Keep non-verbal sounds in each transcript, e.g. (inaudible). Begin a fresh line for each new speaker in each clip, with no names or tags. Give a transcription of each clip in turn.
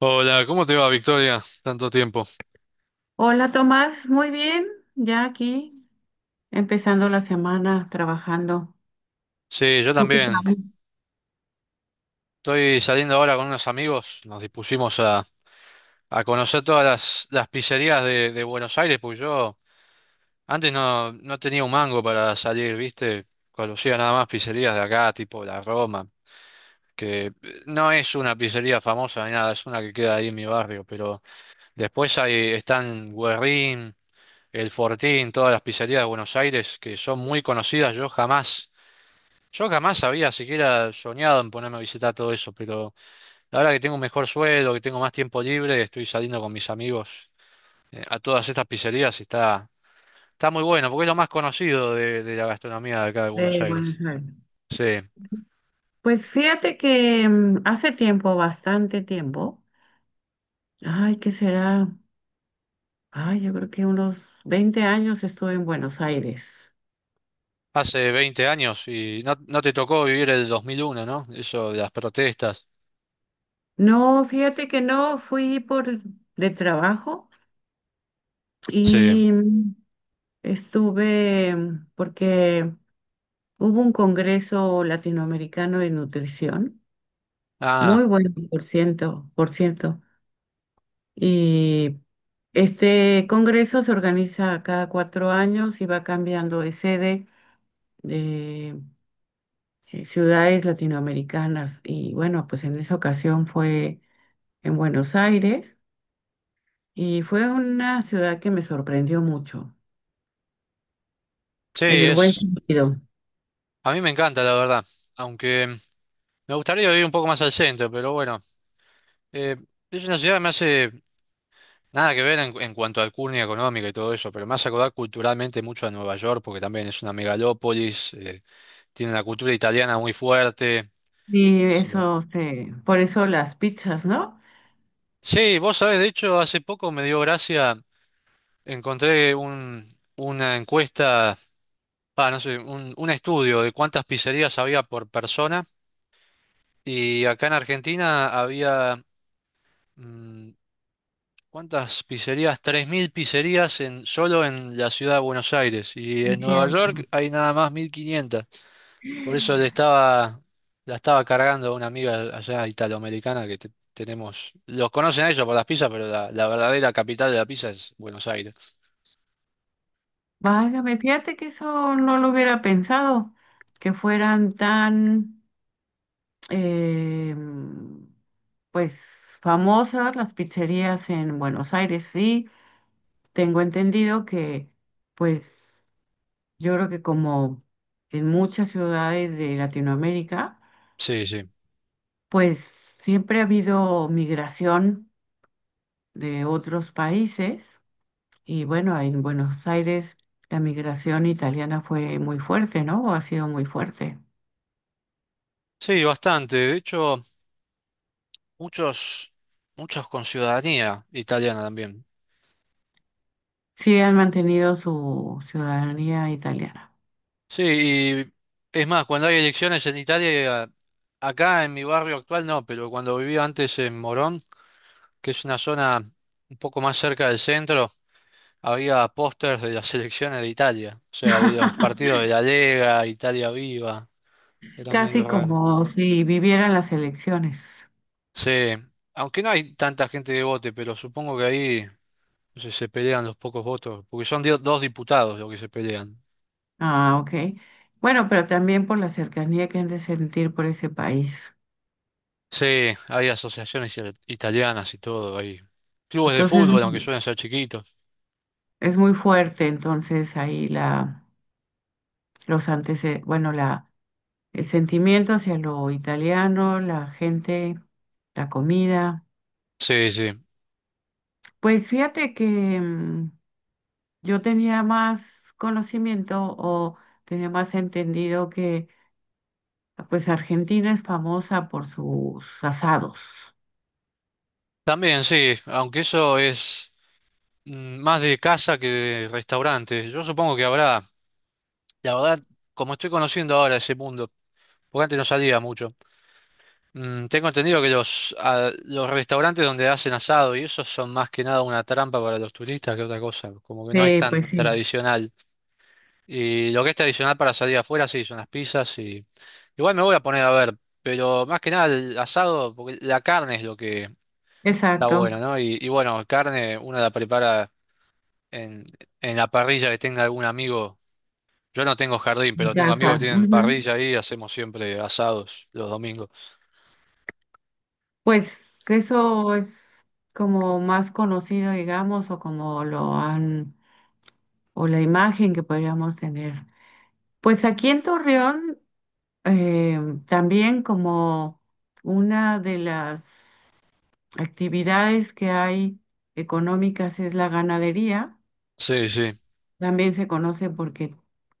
Hola, ¿cómo te va, Victoria? Tanto tiempo.
Hola Tomás, muy bien, ya aquí empezando la semana trabajando.
Sí, yo
¿Tú qué
también.
sabes
Estoy saliendo ahora con unos amigos. Nos dispusimos a conocer todas las pizzerías de Buenos Aires, porque yo antes no, no tenía un mango para salir, ¿viste? Conocía nada más pizzerías de acá, tipo la Roma, que no es una pizzería famosa ni nada, es una que queda ahí en mi barrio, pero después ahí están Guerrín, El Fortín, todas las pizzerías de Buenos Aires que son muy conocidas. Yo jamás había siquiera soñado en ponerme a visitar todo eso, pero ahora que tengo un mejor sueldo, que tengo más tiempo libre, estoy saliendo con mis amigos a todas estas pizzerías y está muy bueno, porque es lo más conocido de la gastronomía de acá de Buenos
de Buenos
Aires.
Aires?
Sí,
Pues fíjate que hace tiempo, bastante tiempo, ay, ¿qué será? Ay, yo creo que unos 20 años estuve en Buenos Aires.
hace 20 años y no, no te tocó vivir el 2001, ¿no? Eso de las protestas.
No, fíjate que no, fui por de trabajo
Sí.
y estuve porque hubo un congreso latinoamericano de nutrición.
Ah,
Muy buen por ciento, por ciento. Y este congreso se organiza cada 4 años y va cambiando de sede de ciudades latinoamericanas. Y bueno, pues en esa ocasión fue en Buenos Aires y fue una ciudad que me sorprendió mucho,
sí,
en el buen
es...
sentido.
A mí me encanta, la verdad, aunque me gustaría vivir un poco más al centro, pero bueno, eh, es una ciudad que me hace. Nada que ver en cuanto al curnia económica y todo eso, pero me hace acordar culturalmente mucho a Nueva York, porque también es una megalópolis, tiene una cultura italiana muy fuerte.
Y
Sí,
eso, por eso las pizzas, ¿no?
sí, vos sabés, de hecho, hace poco me dio gracia, encontré una encuesta, no sé, un estudio de cuántas pizzerías había por persona, y acá en Argentina había, mm, ¿cuántas pizzerías? 3.000 pizzerías solo en la ciudad de Buenos Aires, y
Es
en Nueva
cierto.
York hay nada más 1.500. Por eso la estaba cargando a una amiga allá italoamericana que tenemos. Los conocen a ellos por las pizzas, pero la verdadera capital de la pizza es Buenos Aires.
Válgame, fíjate que eso no lo hubiera pensado, que fueran tan, eh, pues, famosas las pizzerías en Buenos Aires. Sí, tengo entendido que, pues, yo creo que como en muchas ciudades de Latinoamérica,
Sí, sí.
pues siempre ha habido migración de otros países. Y bueno, en Buenos Aires la migración italiana fue muy fuerte, ¿no? O ha sido muy fuerte.
Sí, bastante. De hecho, muchos, muchos con ciudadanía italiana también.
Sí han mantenido su ciudadanía italiana.
Sí, y es más, cuando hay elecciones en Italia, acá en mi barrio actual no, pero cuando vivía antes en Morón, que es una zona un poco más cerca del centro. Había pósters de las selecciones de Italia, o sea, de los partidos
(laughs)
de la Lega, Italia Viva, era medio
Casi
raro.
como si vivieran las elecciones.
Sí, aunque no hay tanta gente de vote, pero supongo que ahí no sé, se pelean los pocos votos, porque son dos diputados los que se pelean.
Ah, ok. Bueno, pero también por la cercanía que han de sentir por ese país.
Sí, hay asociaciones italianas y todo, hay clubes de
Entonces,
fútbol, aunque
ujú.
suelen ser chiquitos.
Es muy fuerte, entonces ahí la, los antecedentes, bueno, la, el sentimiento hacia lo italiano, la gente, la comida.
Sí, sí.
Pues fíjate que mm, yo tenía más conocimiento o tenía más entendido que pues Argentina es famosa por sus asados.
También sí, aunque eso es más de casa que de restaurante. Yo supongo que habrá, la verdad, como estoy conociendo ahora ese mundo. Porque antes no salía mucho. Tengo entendido que los restaurantes donde hacen asado y eso son más que nada una trampa para los turistas que otra cosa. Como que no es
Sí,
tan
pues sí,
tradicional. Y lo que es tradicional para salir afuera, sí, son las pizzas. Igual me voy a poner a ver, pero más que nada el asado, porque la carne es lo que está bueno,
exacto,
¿no? Y bueno, carne uno la prepara en, en la parrilla que tenga algún amigo. Yo no tengo jardín,
en
pero tengo amigos que
casa.
tienen
Ujú.
parrilla ahí y hacemos siempre asados los domingos.
Pues eso es como más conocido, digamos, o como lo han, o la imagen que podríamos tener. Pues aquí en Torreón, eh, también como una de las actividades que hay económicas es la ganadería.
Sí, sí.
También se conoce porque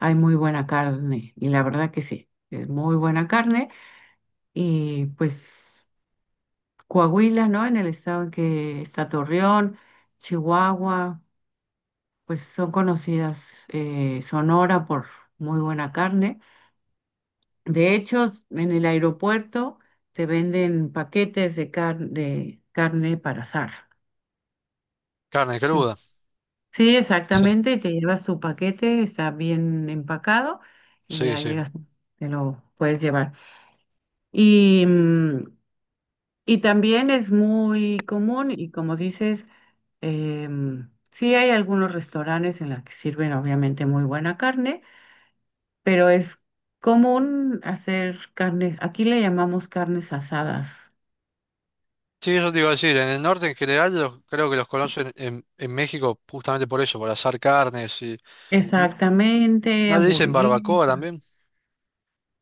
hay muy buena carne y la verdad que sí, es muy buena carne y pues Coahuila, ¿no? En el estado en que está Torreón, Chihuahua, pues son conocidas, Sonora por muy buena carne. De hecho, en el aeropuerto se venden paquetes de carne para asar.
Carne cruda,
En- Sí, exactamente, te llevas tu paquete, está bien empacado y
sí,
ya
sí.
llegas, te lo puedes llevar. Y, mm, y también es muy común y como dices, sí hay algunos restaurantes en los que sirven obviamente muy buena carne, pero es común hacer carnes, aquí le llamamos carnes asadas.
Sí, eso te iba a decir, en el norte en general creo que los conocen en México justamente por eso, por asar carnes. n-
Exactamente,
¿No le dicen
hamburguesas.
barbacoa también?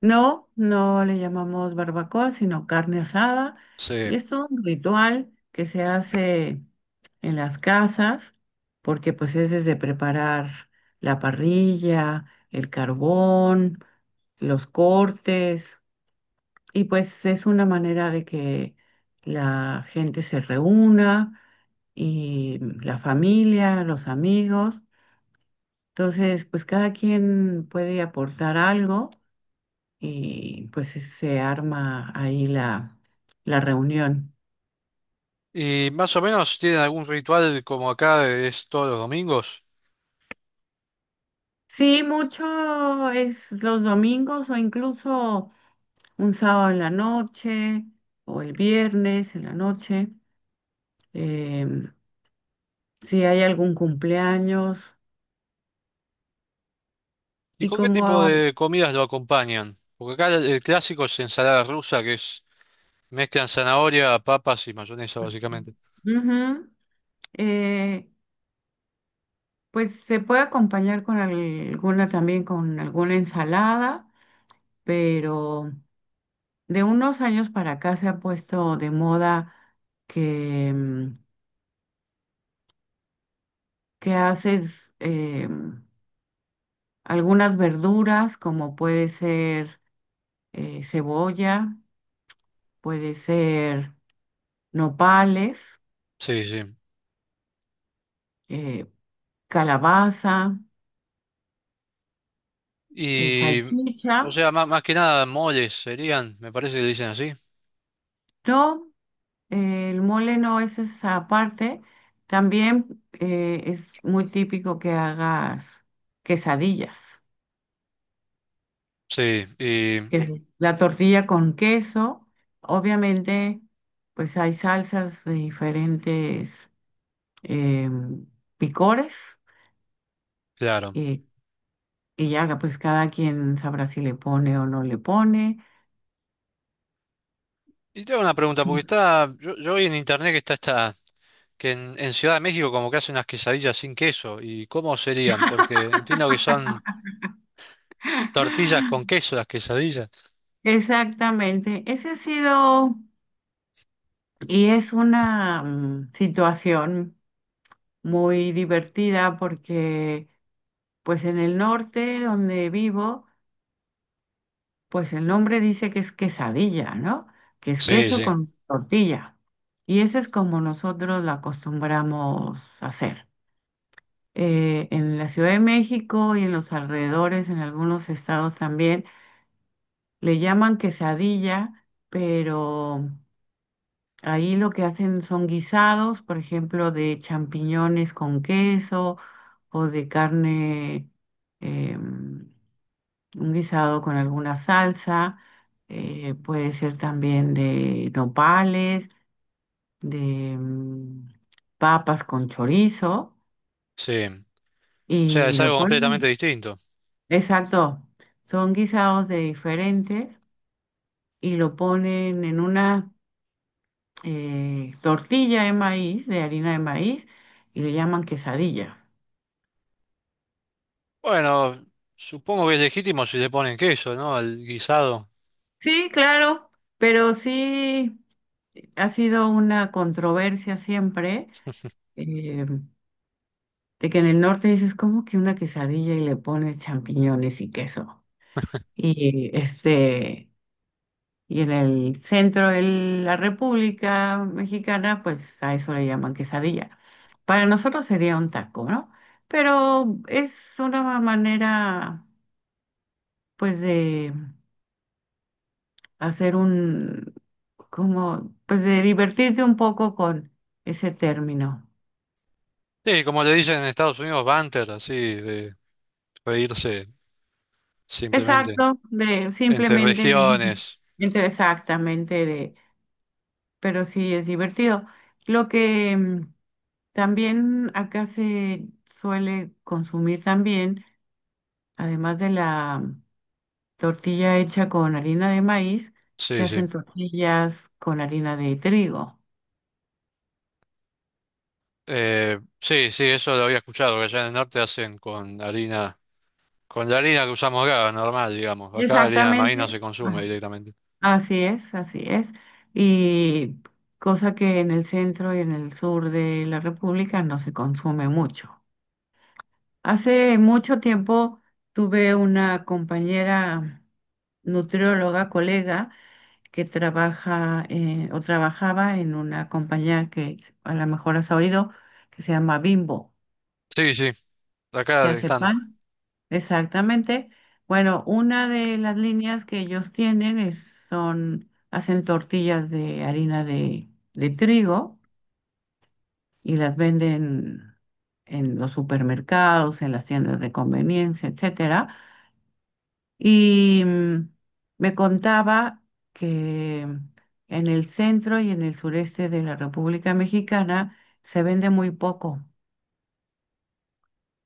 No, no le llamamos barbacoa, sino carne asada.
Sí.
Y es todo un ritual que se hace en las casas, porque pues es desde preparar la parrilla, el carbón, los cortes, y pues es una manera de que la gente se reúna y la familia, los amigos. Entonces, pues cada quien puede aportar algo y pues sí se arma ahí la, la reunión.
¿Y más o menos tienen algún ritual como acá es todos los domingos?
Sí, mucho es los domingos o incluso un sábado en la noche o el viernes en la noche, em, si hay algún cumpleaños
¿Y
y
con qué tipo
como,
de comidas lo acompañan? Porque acá el clásico es ensalada rusa, que es mezclan zanahoria, papas y mayonesa básicamente.
ujú, eh, pues se puede acompañar con alguna también, con alguna ensalada, pero... De unos años para acá se ha puesto de moda que, mm, que haces algunas verduras, como puede ser cebolla, puede ser nopales,
Sí, sí.
eh, calabaza,
Y, o
salchicha.
sea, más, más que nada moles serían, me parece que le dicen así.
No, el mole no es esa parte. También es muy típico que hagas quesadillas.
Sí, y
La tortilla con queso. Obviamente, pues hay salsas de diferentes em, picores
claro.
y, y ya pues cada quien sabrá si le pone o no le pone.
Y tengo una pregunta, porque yo vi en internet que está esta, que en Ciudad de México como que hacen unas quesadillas sin queso. ¿Y cómo serían? Porque entiendo que son tortillas con
(laughs) Sí.
queso las quesadillas.
Exactamente. Ese ha sido y es una situación muy divertida porque pues en el norte donde vivo, pues el nombre dice que es quesadilla, ¿no? Que es
Sí,
queso
sí.
con tortilla. Y ese es como nosotros la acostumbramos hacer. En la Ciudad de México y en los alrededores, en algunos estados también, le llaman quesadilla, pero ahí lo que hacen son guisados, por ejemplo, de champiñones con queso o de carne, em, un guisado con alguna salsa, puede ser también de nopales, de papas con chorizo
Sí. O sea,
y
es
lo
algo completamente
ponen,
distinto.
exacto, son guisados de diferentes y lo ponen en una tortilla de maíz, de harina de maíz y le llaman quesadilla.
Bueno, supongo que es legítimo si le ponen queso, ¿no? Al guisado.
Sí, claro, pero sí ha sido una controversia siempre. eh, De que en el norte dices, ¿como que una quesadilla y le pones champiñones y queso? Y este, y en el centro de la República Mexicana, pues a eso le llaman quesadilla. Para nosotros sería un taco, ¿no? Pero es una manera, pues, de hacer un, como, pues, de divertirte un poco con ese término.
Sí, como le dicen en Estados Unidos, banter, así, de reírse simplemente
Exacto, de
entre
simplemente,
regiones.
exactamente de, pero sí es divertido. Lo que también acá se suele consumir también, además de la tortilla hecha con harina de maíz, se
Sí,
hacen
sí.
tortillas con harina de trigo.
Sí, sí, eso lo había escuchado, que allá en el norte hacen con harina, con la harina que usamos acá, normal, digamos. Acá harina de maíz no
Exactamente.
se consume
Ah,
directamente.
así es, así es. Y cosa que en el centro y en el sur de la República no se consume mucho. Hace mucho tiempo tuve una compañera nutrióloga, colega, que trabaja o trabajaba en una compañía que a lo mejor has oído, que se llama Bimbo,
Sí, sí,
que
acá
hace
están.
pan. Exactamente. Bueno, una de las líneas que ellos tienen es, son, hacen tortillas de harina de trigo y las venden en los supermercados, en las tiendas de conveniencia, etcétera. Y me contaba que en el centro y en el sureste de la República Mexicana se vende muy poco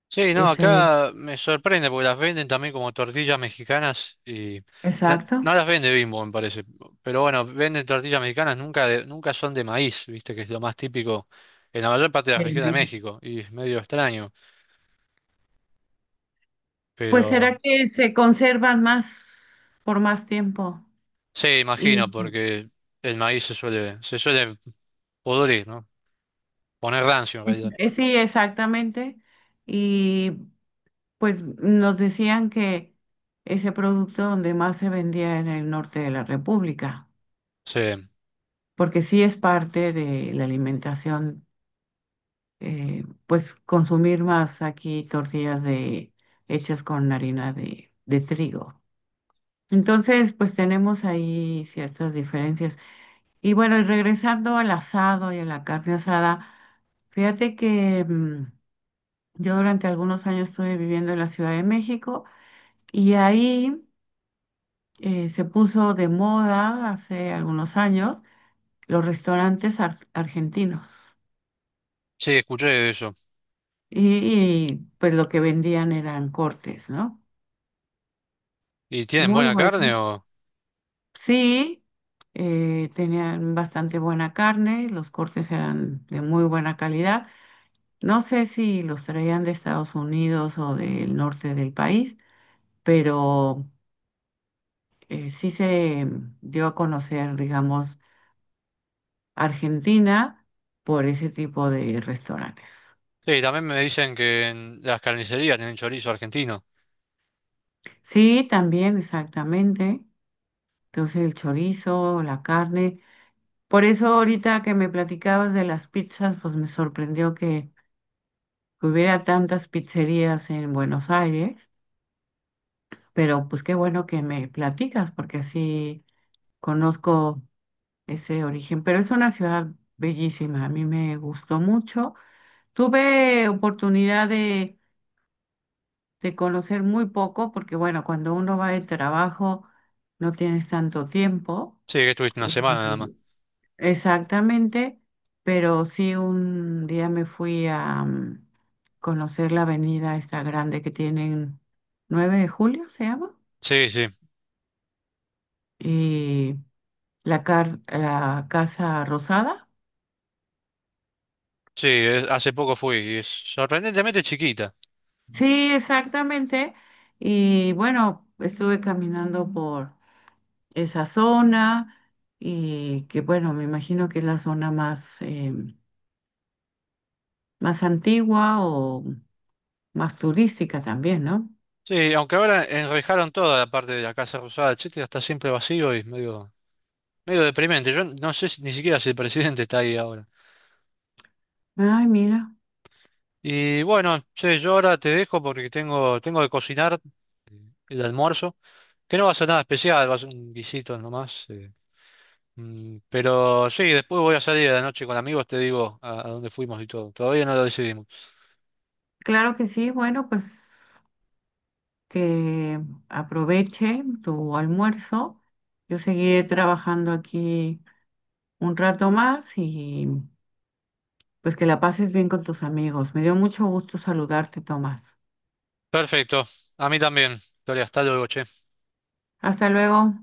Sí, no,
ese
acá me sorprende porque las venden también como tortillas mexicanas y no,
exacto.
no las vende Bimbo, me parece. Pero bueno, venden tortillas mexicanas, nunca, nunca son de maíz, viste, que es lo más típico en la mayor parte de la
En
región de
México.
México y es medio extraño,
Pues
pero
será que se conservan más por más tiempo.
sí,
Y
imagino, porque el maíz se suele pudrir, ¿no? Poner rancio en realidad.
sí, exactamente. Y pues nos decían que ese producto donde más se vendía en el norte de la República,
Sí,
porque sí es parte de la alimentación, pues consumir más aquí tortillas de, hechas con harina de trigo. Entonces, pues tenemos ahí ciertas diferencias. Y bueno, y regresando al asado y a la carne asada, fíjate que yo durante algunos años estuve viviendo en la Ciudad de México y ahí, se puso de moda hace algunos años los restaurantes argentinos.
sí, escuché eso.
Y, y pues lo que vendían eran cortes, ¿no?
¿Y tienen
Muy
buena carne
bueno.
o?
Sí, tenían bastante buena carne, los cortes eran de muy buena calidad. No sé si los traían de Estados Unidos o del norte del país, pero sí se dio a conocer, digamos, Argentina por ese tipo de restaurantes.
Sí, también me dicen que en las carnicerías tienen chorizo argentino.
Sí, también, exactamente. Entonces el chorizo, la carne. Por eso ahorita que me platicabas de las pizzas, pues me sorprendió que hubiera tantas pizzerías en Buenos Aires, pero pues qué bueno que me platicas porque sí conozco ese origen, pero es una ciudad bellísima, a mí me gustó mucho. Tuve oportunidad de conocer muy poco porque bueno, cuando uno va de trabajo no tienes tanto tiempo.
Sí, que estuviste una semana nada más.
Y exactamente, pero sí un día me fui a, conocer la avenida esta grande que tienen, 9 de Julio, se llama,
Sí, sí,
y la Casa Rosada.
sí, hace poco fui y es sorprendentemente chiquita.
Sí, exactamente. Y bueno, estuve caminando por esa zona y que bueno, me imagino que es la zona más antigua o más turística también, ¿no?
Sí, aunque ahora enrejaron toda la parte de la Casa Rosada, etcétera, está siempre vacío y medio, medio deprimente. Yo no sé ni siquiera si el presidente está ahí ahora.
Ay, mira.
Y bueno, che, yo ahora te dejo porque tengo que cocinar el almuerzo. Que no va a ser nada especial, va a ser un guisito nomás. Pero sí, después voy a salir a la noche con amigos, te digo a dónde fuimos y todo. Todavía no lo decidimos.
Claro que sí, bueno, pues que aproveche tu almuerzo. Yo seguiré trabajando aquí un rato más y pues que la pases bien con tus amigos. Me dio mucho gusto saludarte, Tomás.
Perfecto, a mí también. Victoria, hasta luego, che.
Hasta luego.